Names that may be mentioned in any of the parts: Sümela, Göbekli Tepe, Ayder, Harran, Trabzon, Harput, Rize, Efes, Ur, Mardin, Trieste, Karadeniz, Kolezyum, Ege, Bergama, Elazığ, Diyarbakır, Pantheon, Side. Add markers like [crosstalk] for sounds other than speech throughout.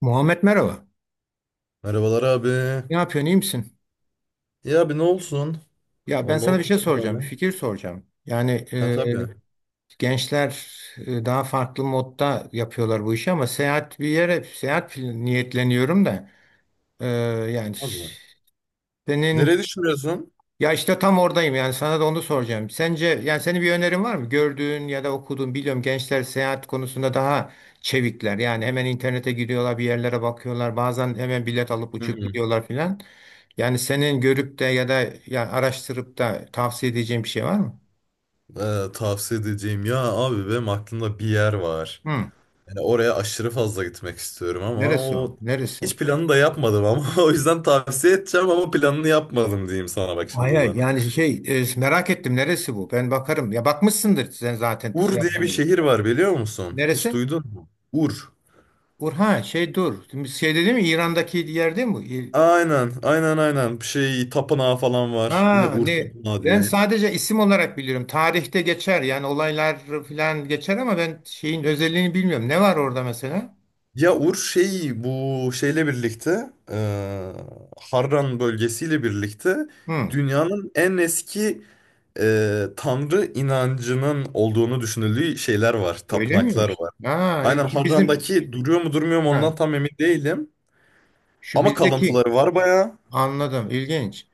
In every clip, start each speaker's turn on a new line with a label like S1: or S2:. S1: Muhammed, merhaba.
S2: Merhabalar abi.
S1: Ne yapıyorsun, iyi misin?
S2: Ya abi ne olsun?
S1: Ya ben
S2: Vallahi
S1: sana bir şey
S2: oturuyordum
S1: soracağım, bir
S2: öyle.
S1: fikir soracağım. Yani
S2: Ha tabii.
S1: gençler daha farklı modda yapıyorlar bu işi ama seyahat bir yere, seyahat niyetleniyorum da e, yani
S2: Abi.
S1: senin.
S2: Nereye düşünüyorsun?
S1: Ya işte tam oradayım yani sana da onu soracağım. Sence yani senin bir önerin var mı? Gördüğün ya da okuduğun biliyorum, gençler seyahat konusunda daha çevikler. Yani hemen internete gidiyorlar, bir yerlere bakıyorlar. Bazen hemen bilet alıp
S2: Hı
S1: uçup
S2: hı.
S1: gidiyorlar filan. Yani senin görüp de ya da ya araştırıp da tavsiye edeceğin bir şey var mı?
S2: Tavsiye edeceğim. Ya abi benim aklımda bir yer var.
S1: Hı.
S2: Yani oraya aşırı fazla gitmek istiyorum ama
S1: Neresi o?
S2: o
S1: Neresi?
S2: hiç planını da yapmadım ama [laughs] o yüzden tavsiye edeceğim ama planını yapmadım diyeyim sana bak
S1: Hayır, hayır.
S2: şimdiden.
S1: Yani şey, merak ettim, neresi bu? Ben bakarım. Ya bakmışsındır sen zaten, şey
S2: Ur diye bir
S1: yapmıyordun.
S2: şehir var biliyor musun? Hiç
S1: Neresi?
S2: duydun mu? Ur.
S1: Urha, şey, dur. Şimdi şey dedi mi, İran'daki yer değil mi?
S2: Aynen, aynen, aynen. Bir şey tapınağı falan var. Yine
S1: Ha,
S2: Ur
S1: ne?
S2: tapınağı
S1: Ben
S2: diye.
S1: sadece isim olarak biliyorum. Tarihte geçer, yani olaylar filan geçer ama ben şeyin özelliğini bilmiyorum. Ne var orada mesela?
S2: Ya Uğur şey bu şeyle birlikte Harran bölgesiyle birlikte
S1: Hı,
S2: dünyanın en eski tanrı inancının olduğunu düşünüldüğü şeyler var,
S1: öyle
S2: tapınaklar
S1: miymiş?
S2: var.
S1: Ha,
S2: Aynen
S1: şu bizim,
S2: Harran'daki duruyor mu durmuyor mu
S1: ha,
S2: ondan tam emin değilim.
S1: şu
S2: Ama
S1: bizdeki,
S2: kalıntıları var bayağı.
S1: anladım, ilginç.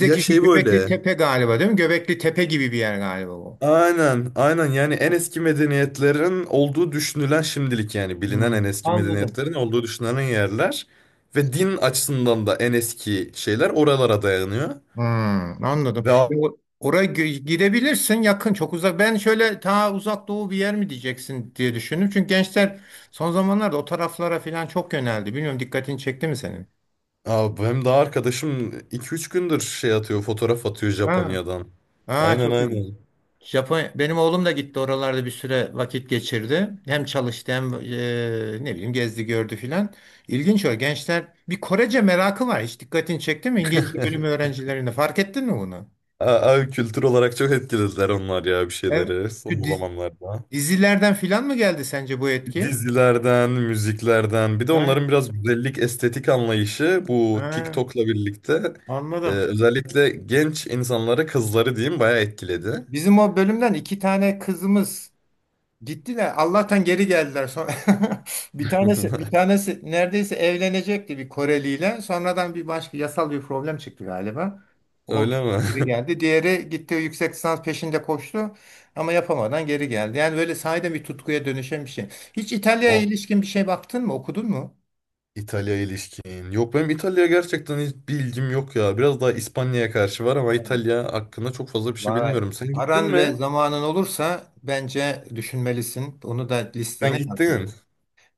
S2: Ya
S1: şu
S2: şey
S1: Göbekli
S2: böyle
S1: Tepe galiba, değil mi? Göbekli Tepe gibi bir yer galiba o.
S2: aynen, aynen yani en eski medeniyetlerin olduğu düşünülen şimdilik yani bilinen
S1: Hı,
S2: en eski
S1: anladım.
S2: medeniyetlerin olduğu düşünülen yerler ve din açısından da en eski şeyler oralara dayanıyor.
S1: Hmm, anladım.
S2: Ve a-
S1: Ya, oraya gidebilirsin, yakın, çok uzak. Ben şöyle ta uzak doğu bir yer mi diyeceksin diye düşündüm. Çünkü gençler son zamanlarda o taraflara falan çok yöneldi. Bilmiyorum, dikkatini çekti mi senin?
S2: Hem daha arkadaşım iki üç gündür şey atıyor, fotoğraf atıyor
S1: Ha,
S2: Japonya'dan.
S1: ha,
S2: Aynen
S1: çok ilginç.
S2: aynen.
S1: Japonya, benim oğlum da gitti, oralarda bir süre vakit geçirdi. Hem çalıştı, hem ne bileyim, gezdi gördü filan. İlginç o gençler. Bir Korece merakı var. Hiç dikkatini çekti mi? İngilizce bölümü öğrencilerinde fark ettin mi bunu?
S2: A- Abi kültür olarak çok etkilediler onlar ya bir
S1: Evet.
S2: şeyleri son zamanlarda.
S1: Dizilerden filan mı geldi sence bu etki?
S2: Dizilerden, müziklerden, bir de
S1: Evet,
S2: onların biraz güzellik, estetik anlayışı bu
S1: ha,
S2: TikTok'la birlikte
S1: anladım.
S2: özellikle genç insanları, kızları diyeyim bayağı etkiledi.
S1: Bizim o bölümden iki tane kızımız gittiler. Allah'tan geri geldiler. Sonra [laughs] bir tanesi bir
S2: [laughs]
S1: tanesi neredeyse evlenecekti bir Koreliyle. Sonradan bir başka yasal bir problem çıktı galiba. Olmadı.
S2: Öyle mi?
S1: Geri geldi.
S2: [laughs]
S1: Diğeri gitti, yüksek lisans peşinde koştu ama yapamadan geri geldi. Yani böyle sahiden bir tutkuya dönüşen bir şey. Hiç İtalya'ya
S2: O
S1: ilişkin bir şey baktın mı, okudun mu?
S2: İtalya ilişkin. Yok benim İtalya'ya gerçekten hiç bir yok ya. Biraz daha İspanya'ya karşı var ama İtalya hakkında çok fazla bir şey
S1: Vay.
S2: bilmiyorum. Sen gittin
S1: Paran
S2: mi?
S1: ve zamanın olursa bence düşünmelisin. Onu da listene
S2: Sen
S1: yaz yani.
S2: gittin.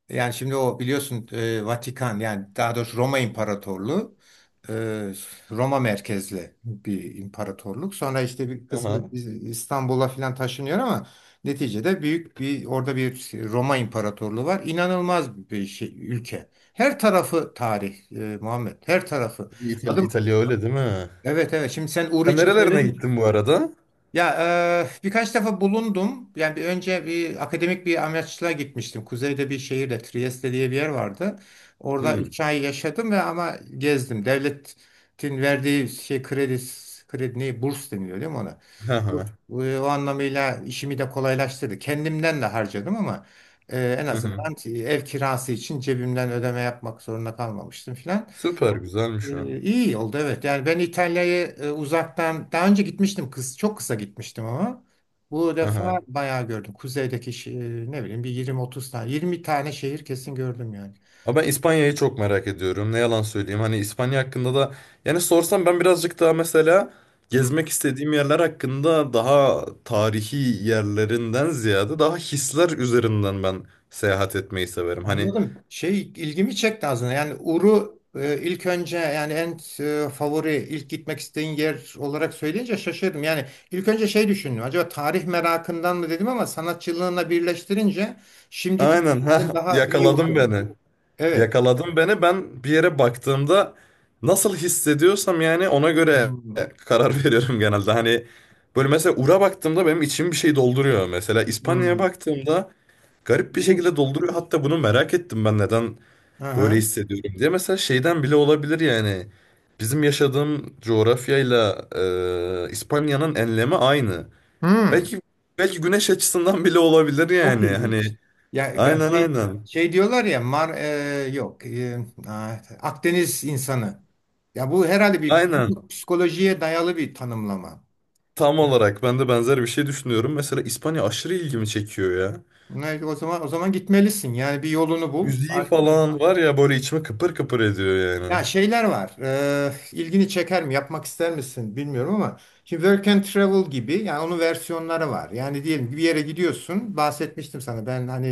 S1: Yani şimdi o biliyorsun, Vatikan, yani daha doğrusu Roma İmparatorluğu, e, Roma merkezli bir imparatorluk. Sonra işte bir kısmı
S2: Aha.
S1: İstanbul'a falan taşınıyor ama neticede büyük bir, orada bir Roma İmparatorluğu var. İnanılmaz bir şey ülke. Her tarafı tarih, Muhammed. Her tarafı.
S2: İtalya,
S1: Adım,
S2: İtalya öyle değil mi?
S1: evet evet. Şimdi sen Uğur
S2: Sen
S1: için
S2: nerelerine
S1: söyledin.
S2: gittin bu arada?
S1: Ya birkaç defa bulundum. Yani bir önce bir akademik bir amaçla gitmiştim. Kuzeyde bir şehirde Trieste diye bir yer vardı. Orada
S2: Hmm.
S1: 3 ay yaşadım ve ama gezdim. Devletin verdiği şey, kredi, kredi ne, burs deniliyor değil mi ona?
S2: Hı hı.
S1: O anlamıyla işimi de kolaylaştırdı. Kendimden de harcadım ama en
S2: Hı hı.
S1: azından ev kirası için cebimden ödeme yapmak zorunda kalmamıştım filan.
S2: Süper güzelmiş o.
S1: İyi oldu, evet. Yani ben İtalya'ya uzaktan daha önce gitmiştim kız, çok kısa gitmiştim ama bu defa
S2: Aha.
S1: bayağı gördüm. Kuzeydeki ne bileyim bir 20-30 tane, 20 tane şehir kesin gördüm yani.
S2: Ama ben İspanya'yı çok merak ediyorum. Ne yalan söyleyeyim. Hani İspanya hakkında da yani sorsam ben birazcık daha mesela
S1: Hı,
S2: gezmek istediğim yerler hakkında daha tarihi yerlerinden ziyade daha hisler üzerinden ben seyahat etmeyi severim. Hani
S1: anladım. Şey ilgimi çekti aslında. Yani Uru, ilk önce yani en favori, ilk gitmek istediğin yer olarak söyleyince şaşırdım. Yani ilk önce şey düşündüm. Acaba tarih merakından mı dedim ama sanatçılığına birleştirince şimdiki
S2: aynen ha
S1: daha iyi
S2: yakaladın
S1: oturuyor.
S2: beni.
S1: Evet.
S2: Yakaladın beni. Ben bir yere baktığımda nasıl hissediyorsam yani ona göre
S1: Hmm,
S2: karar [laughs] veriyorum genelde. Hani böyle mesela Ur'a baktığımda benim içim bir şey dolduruyor mesela. İspanya'ya
S1: hmm.
S2: baktığımda garip bir
S1: İlginç.
S2: şekilde dolduruyor. Hatta bunu merak ettim ben neden
S1: Hı
S2: böyle
S1: hı.
S2: hissediyorum diye. Mesela şeyden bile olabilir yani. Bizim yaşadığım coğrafyayla İspanya'nın enlemi aynı.
S1: Hmm.
S2: Belki belki güneş açısından bile olabilir
S1: Çok
S2: yani. Hani
S1: ilginç. Ya
S2: aynen
S1: şey
S2: aynen.
S1: şey diyorlar ya, Mar, yok, Akdeniz insanı. Ya bu herhalde bir
S2: Aynen.
S1: psikolojiye dayalı bir tanımlama.
S2: Tam olarak ben de benzer bir şey düşünüyorum. Mesela İspanya aşırı ilgimi çekiyor ya.
S1: Ne, o zaman gitmelisin. Yani bir yolunu bul.
S2: Müziği
S1: Artık.
S2: falan var ya böyle içimi kıpır kıpır ediyor yani.
S1: Ya şeyler var. İlgini çeker mi? Yapmak ister misin? Bilmiyorum ama şimdi Work and Travel gibi, yani onun versiyonları var. Yani diyelim ki bir yere gidiyorsun. Bahsetmiştim sana ben hani,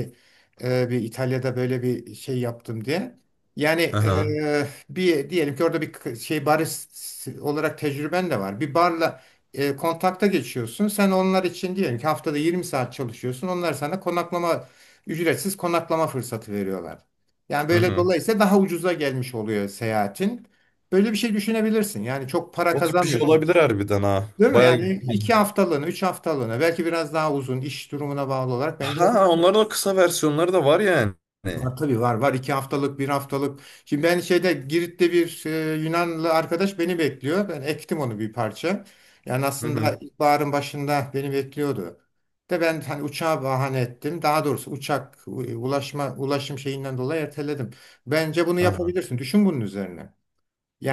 S1: bir İtalya'da böyle bir şey yaptım diye. Yani
S2: Hı hı.
S1: bir, diyelim ki orada bir şey barist olarak tecrüben de var. Bir barla kontakta geçiyorsun. Sen onlar için diyelim ki haftada 20 saat çalışıyorsun. Onlar sana ücretsiz konaklama fırsatı veriyorlar. Yani
S2: Hı
S1: böyle,
S2: hı.
S1: dolayısıyla daha ucuza gelmiş oluyor seyahatin. Böyle bir şey düşünebilirsin. Yani çok para
S2: O tip bir şey
S1: kazanmıyorsun.
S2: olabilir harbiden ha.
S1: Değil mi?
S2: Baya
S1: Yani 2 haftalığına, 3 haftalığına, belki biraz daha uzun, iş durumuna bağlı olarak bence.
S2: ha onların o kısa versiyonları da var yani.
S1: Var tabii, var, 2 haftalık, bir haftalık. Şimdi ben şeyde, Girit'te bir Yunanlı arkadaş beni bekliyor. Ben ektim onu bir parça. Yani
S2: Hı hı.
S1: aslında ilkbaharın başında beni bekliyordu. De ben hani uçağa bahane ettim. Daha doğrusu uçak, ulaşım şeyinden dolayı erteledim. Bence bunu
S2: Aha.
S1: yapabilirsin. Düşün bunun üzerine.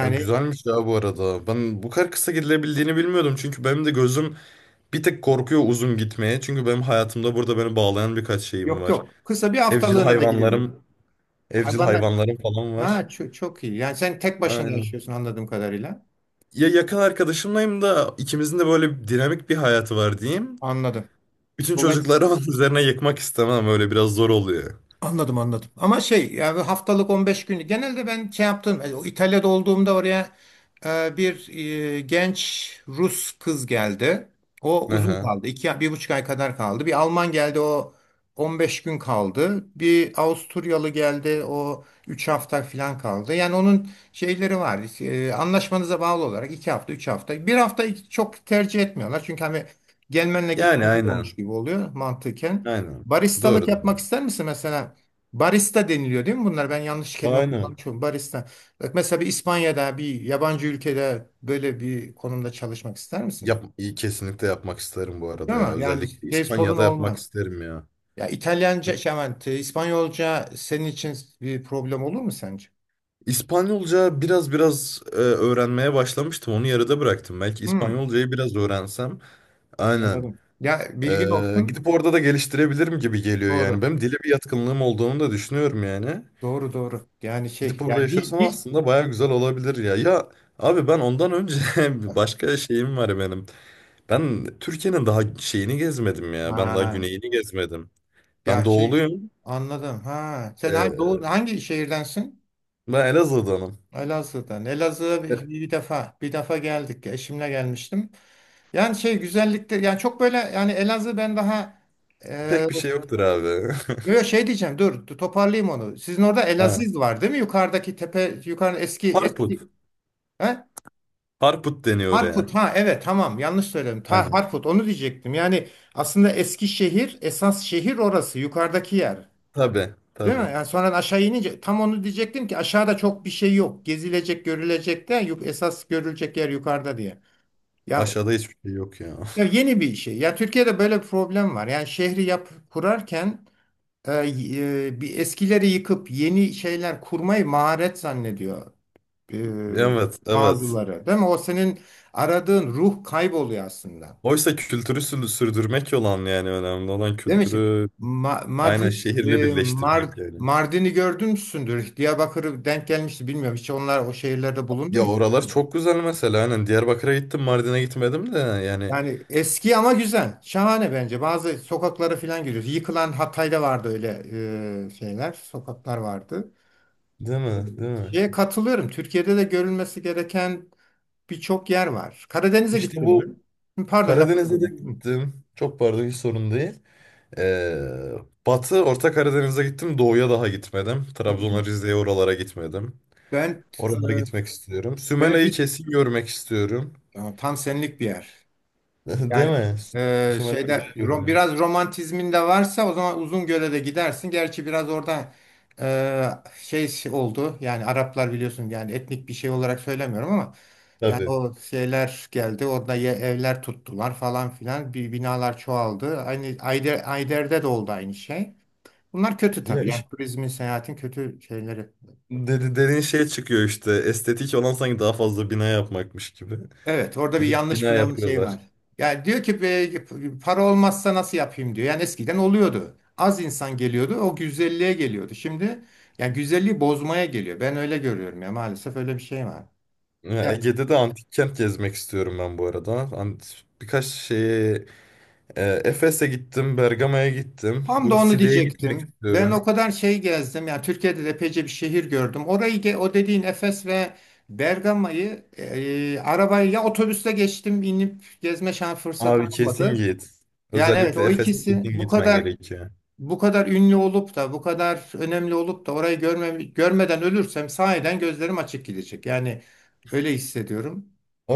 S2: Ya güzelmiş ya bu arada. Ben bu kadar kısa gidilebildiğini bilmiyordum. Çünkü benim de gözüm bir tek korkuyor uzun gitmeye. Çünkü benim hayatımda burada beni bağlayan birkaç şeyim
S1: yok
S2: var.
S1: yok. Kısa, bir
S2: Evcil
S1: haftalığına da gidebilir.
S2: hayvanlarım, evcil
S1: Hayvanlar.
S2: hayvanlarım falan var.
S1: Ha, çok, çok iyi. Yani sen tek başına
S2: Aynen.
S1: yaşıyorsun anladığım kadarıyla.
S2: Ya yakın arkadaşımlayım da ikimizin de böyle bir dinamik bir hayatı var diyeyim.
S1: Anladım.
S2: Bütün çocukları onun [laughs] üzerine yıkmak istemem. Öyle biraz zor oluyor.
S1: Anladım, anladım. Ama şey, yani haftalık, 15 günü. Genelde ben şey yaptım. O İtalya'da olduğumda oraya bir genç Rus kız geldi. O uzun
S2: Aha.
S1: kaldı. İki, 1,5 ay kadar kaldı. Bir Alman geldi, o 15 gün kaldı. Bir Avusturyalı geldi, o 3 hafta falan kaldı. Yani onun şeyleri var. Anlaşmanıza bağlı olarak, 2 hafta, 3 hafta. Bir hafta çok tercih etmiyorlar. Çünkü hani gelmenle
S2: Yani
S1: gitmen bir
S2: aynen.
S1: olmuş gibi oluyor mantıken.
S2: Aynen.
S1: Baristalık
S2: Doğru
S1: yapmak
S2: doğru.
S1: ister misin mesela? Barista deniliyor değil mi bunlar? Ben yanlış kelime
S2: Aynen.
S1: kullanmışım. Barista. Bak mesela bir İspanya'da, bir yabancı ülkede böyle bir konumda çalışmak ister misin?
S2: Yap, iyi kesinlikle yapmak isterim bu
S1: Değil
S2: arada ya.
S1: mi? Yani
S2: Özellikle
S1: şey, sorun
S2: İspanya'da yapmak
S1: olmaz.
S2: isterim ya.
S1: Ya İtalyanca, şey aman, İspanyolca senin için bir problem olur mu sence?
S2: İspanyolca biraz öğrenmeye başlamıştım. Onu yarıda bıraktım. Belki
S1: Hmm,
S2: İspanyolcayı biraz öğrensem. Aynen.
S1: anladım. Ya bilgin olsun.
S2: Gidip orada da geliştirebilirim gibi geliyor yani.
S1: Doğru.
S2: Benim dile bir yatkınlığım olduğunu da düşünüyorum yani.
S1: Doğru, doğru. Yani şey,
S2: Gidip orada
S1: ya dil
S2: yaşasam
S1: dil.
S2: aslında baya güzel olabilir ya. Ya abi ben ondan önce [laughs] bir başka şeyim var benim. Ben Türkiye'nin daha şeyini gezmedim ya. Ben daha
S1: Ha,
S2: güneyini gezmedim. Ben
S1: ya şey.
S2: doğuluyum.
S1: Anladım. Ha, sen hangi,
S2: E,
S1: hangi şehirdensin?
S2: Ben Elazığ'danım.
S1: Elazığ'dan. Elazığ'a
S2: E,
S1: bir,
S2: evet.
S1: bir defa bir defa geldik. Eşimle gelmiştim. Yani şey, güzellikler, yani çok böyle, yani Elazığ, ben daha e,
S2: Pek bir şey yoktur abi.
S1: yo, yo, şey diyeceğim, dur toparlayayım onu. Sizin orada
S2: [laughs] Ha.
S1: Elaziz var değil mi? Yukarıdaki tepe, yukarı, eski eski,
S2: Harput.
S1: he?
S2: Harput deniyor oraya.
S1: Harput, ha, evet, tamam, yanlış söyledim. Ta
S2: Aynen.
S1: Harput, onu diyecektim. Yani aslında eski şehir, esas şehir orası, yukarıdaki yer.
S2: Tabii,
S1: Değil
S2: tabii.
S1: mi? Yani sonra aşağı inince tam onu diyecektim ki aşağıda çok bir şey yok. Gezilecek, görülecek de, esas görülecek yer yukarıda diye. Ya,
S2: Aşağıda hiçbir şey yok ya. [laughs]
S1: ya yeni bir şey. Ya Türkiye'de böyle bir problem var. Yani şehri yap kurarken e, bir eskileri yıkıp yeni şeyler kurmayı maharet zannediyor
S2: Evet,
S1: e,
S2: evet.
S1: bazıları. Değil mi? O senin aradığın ruh kayboluyor aslında.
S2: Oysa sürdürmek olan yani önemli olan
S1: Değil mi? Şimdi
S2: kültürü aynen
S1: Madrid,
S2: şehirle
S1: e, Mar
S2: birleştirmek yani.
S1: Mardin'i gördün müsündür? Diyarbakır'ı denk gelmişti, bilmiyorum. Hiç onlar o şehirlerde bulundu
S2: Ya
S1: mu?
S2: oralar çok güzel mesela. Aynen Diyarbakır'a gittim, Mardin'e gitmedim de yani.
S1: Yani eski ama güzel. Şahane bence. Bazı sokaklara falan giriyoruz. Yıkılan Hatay'da vardı öyle şeyler. Sokaklar vardı.
S2: Değil
S1: E,
S2: mi? Değil mi?
S1: Şeye katılıyorum. Türkiye'de de görülmesi gereken birçok yer var. Karadeniz'e
S2: İşte
S1: gittim mi?
S2: bu
S1: Hı, pardon, lafını
S2: Karadeniz'e de
S1: böldüm.
S2: gittim. Çok pardon hiç sorun değil. Ee, Batı Orta Karadeniz'e gittim. Doğuya daha gitmedim.
S1: Hı, hı.
S2: Trabzon'a, Rize'ye oralara gitmedim.
S1: Ben
S2: Oralara
S1: e,
S2: gitmek istiyorum.
S1: ben
S2: Sümela'yı
S1: Riz-
S2: kesin görmek istiyorum.
S1: aa, tam senlik bir yer.
S2: [laughs] Değil
S1: Yani
S2: mi? Sümela güzel görünüyor.
S1: biraz romantizmin de varsa o zaman Uzungöl'e de gidersin. Gerçi biraz orada şey oldu. Yani Araplar, biliyorsun, yani etnik bir şey olarak söylemiyorum ama yani
S2: Tabii.
S1: o şeyler geldi. Orada evler tuttular falan filan. Bir binalar çoğaldı. Aynı Ayder, Ayder'de de oldu aynı şey. Bunlar kötü
S2: Ya
S1: tabii. Yani
S2: iş
S1: turizmin, seyahatin kötü şeyleri.
S2: dedi, dediğin şey çıkıyor işte. Estetik olan sanki daha fazla bina yapmakmış gibi.
S1: Evet, orada bir
S2: Gidip
S1: yanlış
S2: bina
S1: plan şey
S2: yapıyorlar.
S1: var. Yani diyor ki, para olmazsa nasıl yapayım," diyor. Yani eskiden oluyordu. Az insan geliyordu, o güzelliğe geliyordu. Şimdi yani güzelliği bozmaya geliyor. Ben öyle görüyorum, ya maalesef öyle bir şey var.
S2: Ya
S1: Ya
S2: Ege'de de antik kent gezmek istiyorum ben bu arada. An- Birkaç şeye Efes'e gittim, Bergama'ya gittim.
S1: tam da
S2: Bu
S1: onu
S2: Side'ye gitmek
S1: diyecektim. Ben o
S2: istiyorum.
S1: kadar şey gezdim. Yani Türkiye'de de epeyce bir şehir gördüm. Orayı o dediğin Efes ve Bergama'yı arabayla ya otobüste geçtim, inip gezme şans fırsatım
S2: Abi kesin
S1: olmadı.
S2: git.
S1: Yani evet,
S2: Özellikle
S1: o
S2: Efes'e
S1: ikisi
S2: kesin
S1: bu
S2: gitmen
S1: kadar,
S2: gerekiyor.
S1: ünlü olup da bu kadar önemli olup da orayı görme, görmeden ölürsem sahiden gözlerim açık gidecek. Yani öyle hissediyorum.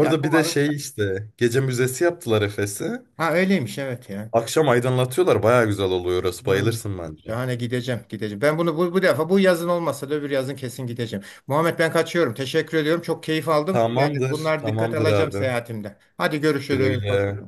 S1: Yani
S2: bir de
S1: umarım.
S2: şey işte gece müzesi yaptılar Efes'i.
S1: Ha, öyleymiş, evet ya.
S2: Akşam aydınlatıyorlar. Baya güzel oluyor orası.
S1: Evet.
S2: Bayılırsın bence.
S1: Şahane, gideceğim. Ben bunu bu defa, bu yazın olmasa da öbür yazın kesin gideceğim. Muhammed, ben kaçıyorum. Teşekkür ediyorum. Çok keyif aldım. Yani
S2: Tamamdır.
S1: bunlar dikkat
S2: Tamamdır
S1: alacağım
S2: abi.
S1: seyahatimde. Hadi
S2: Güle
S1: görüşürüz. Hoşça
S2: güle.
S1: kal.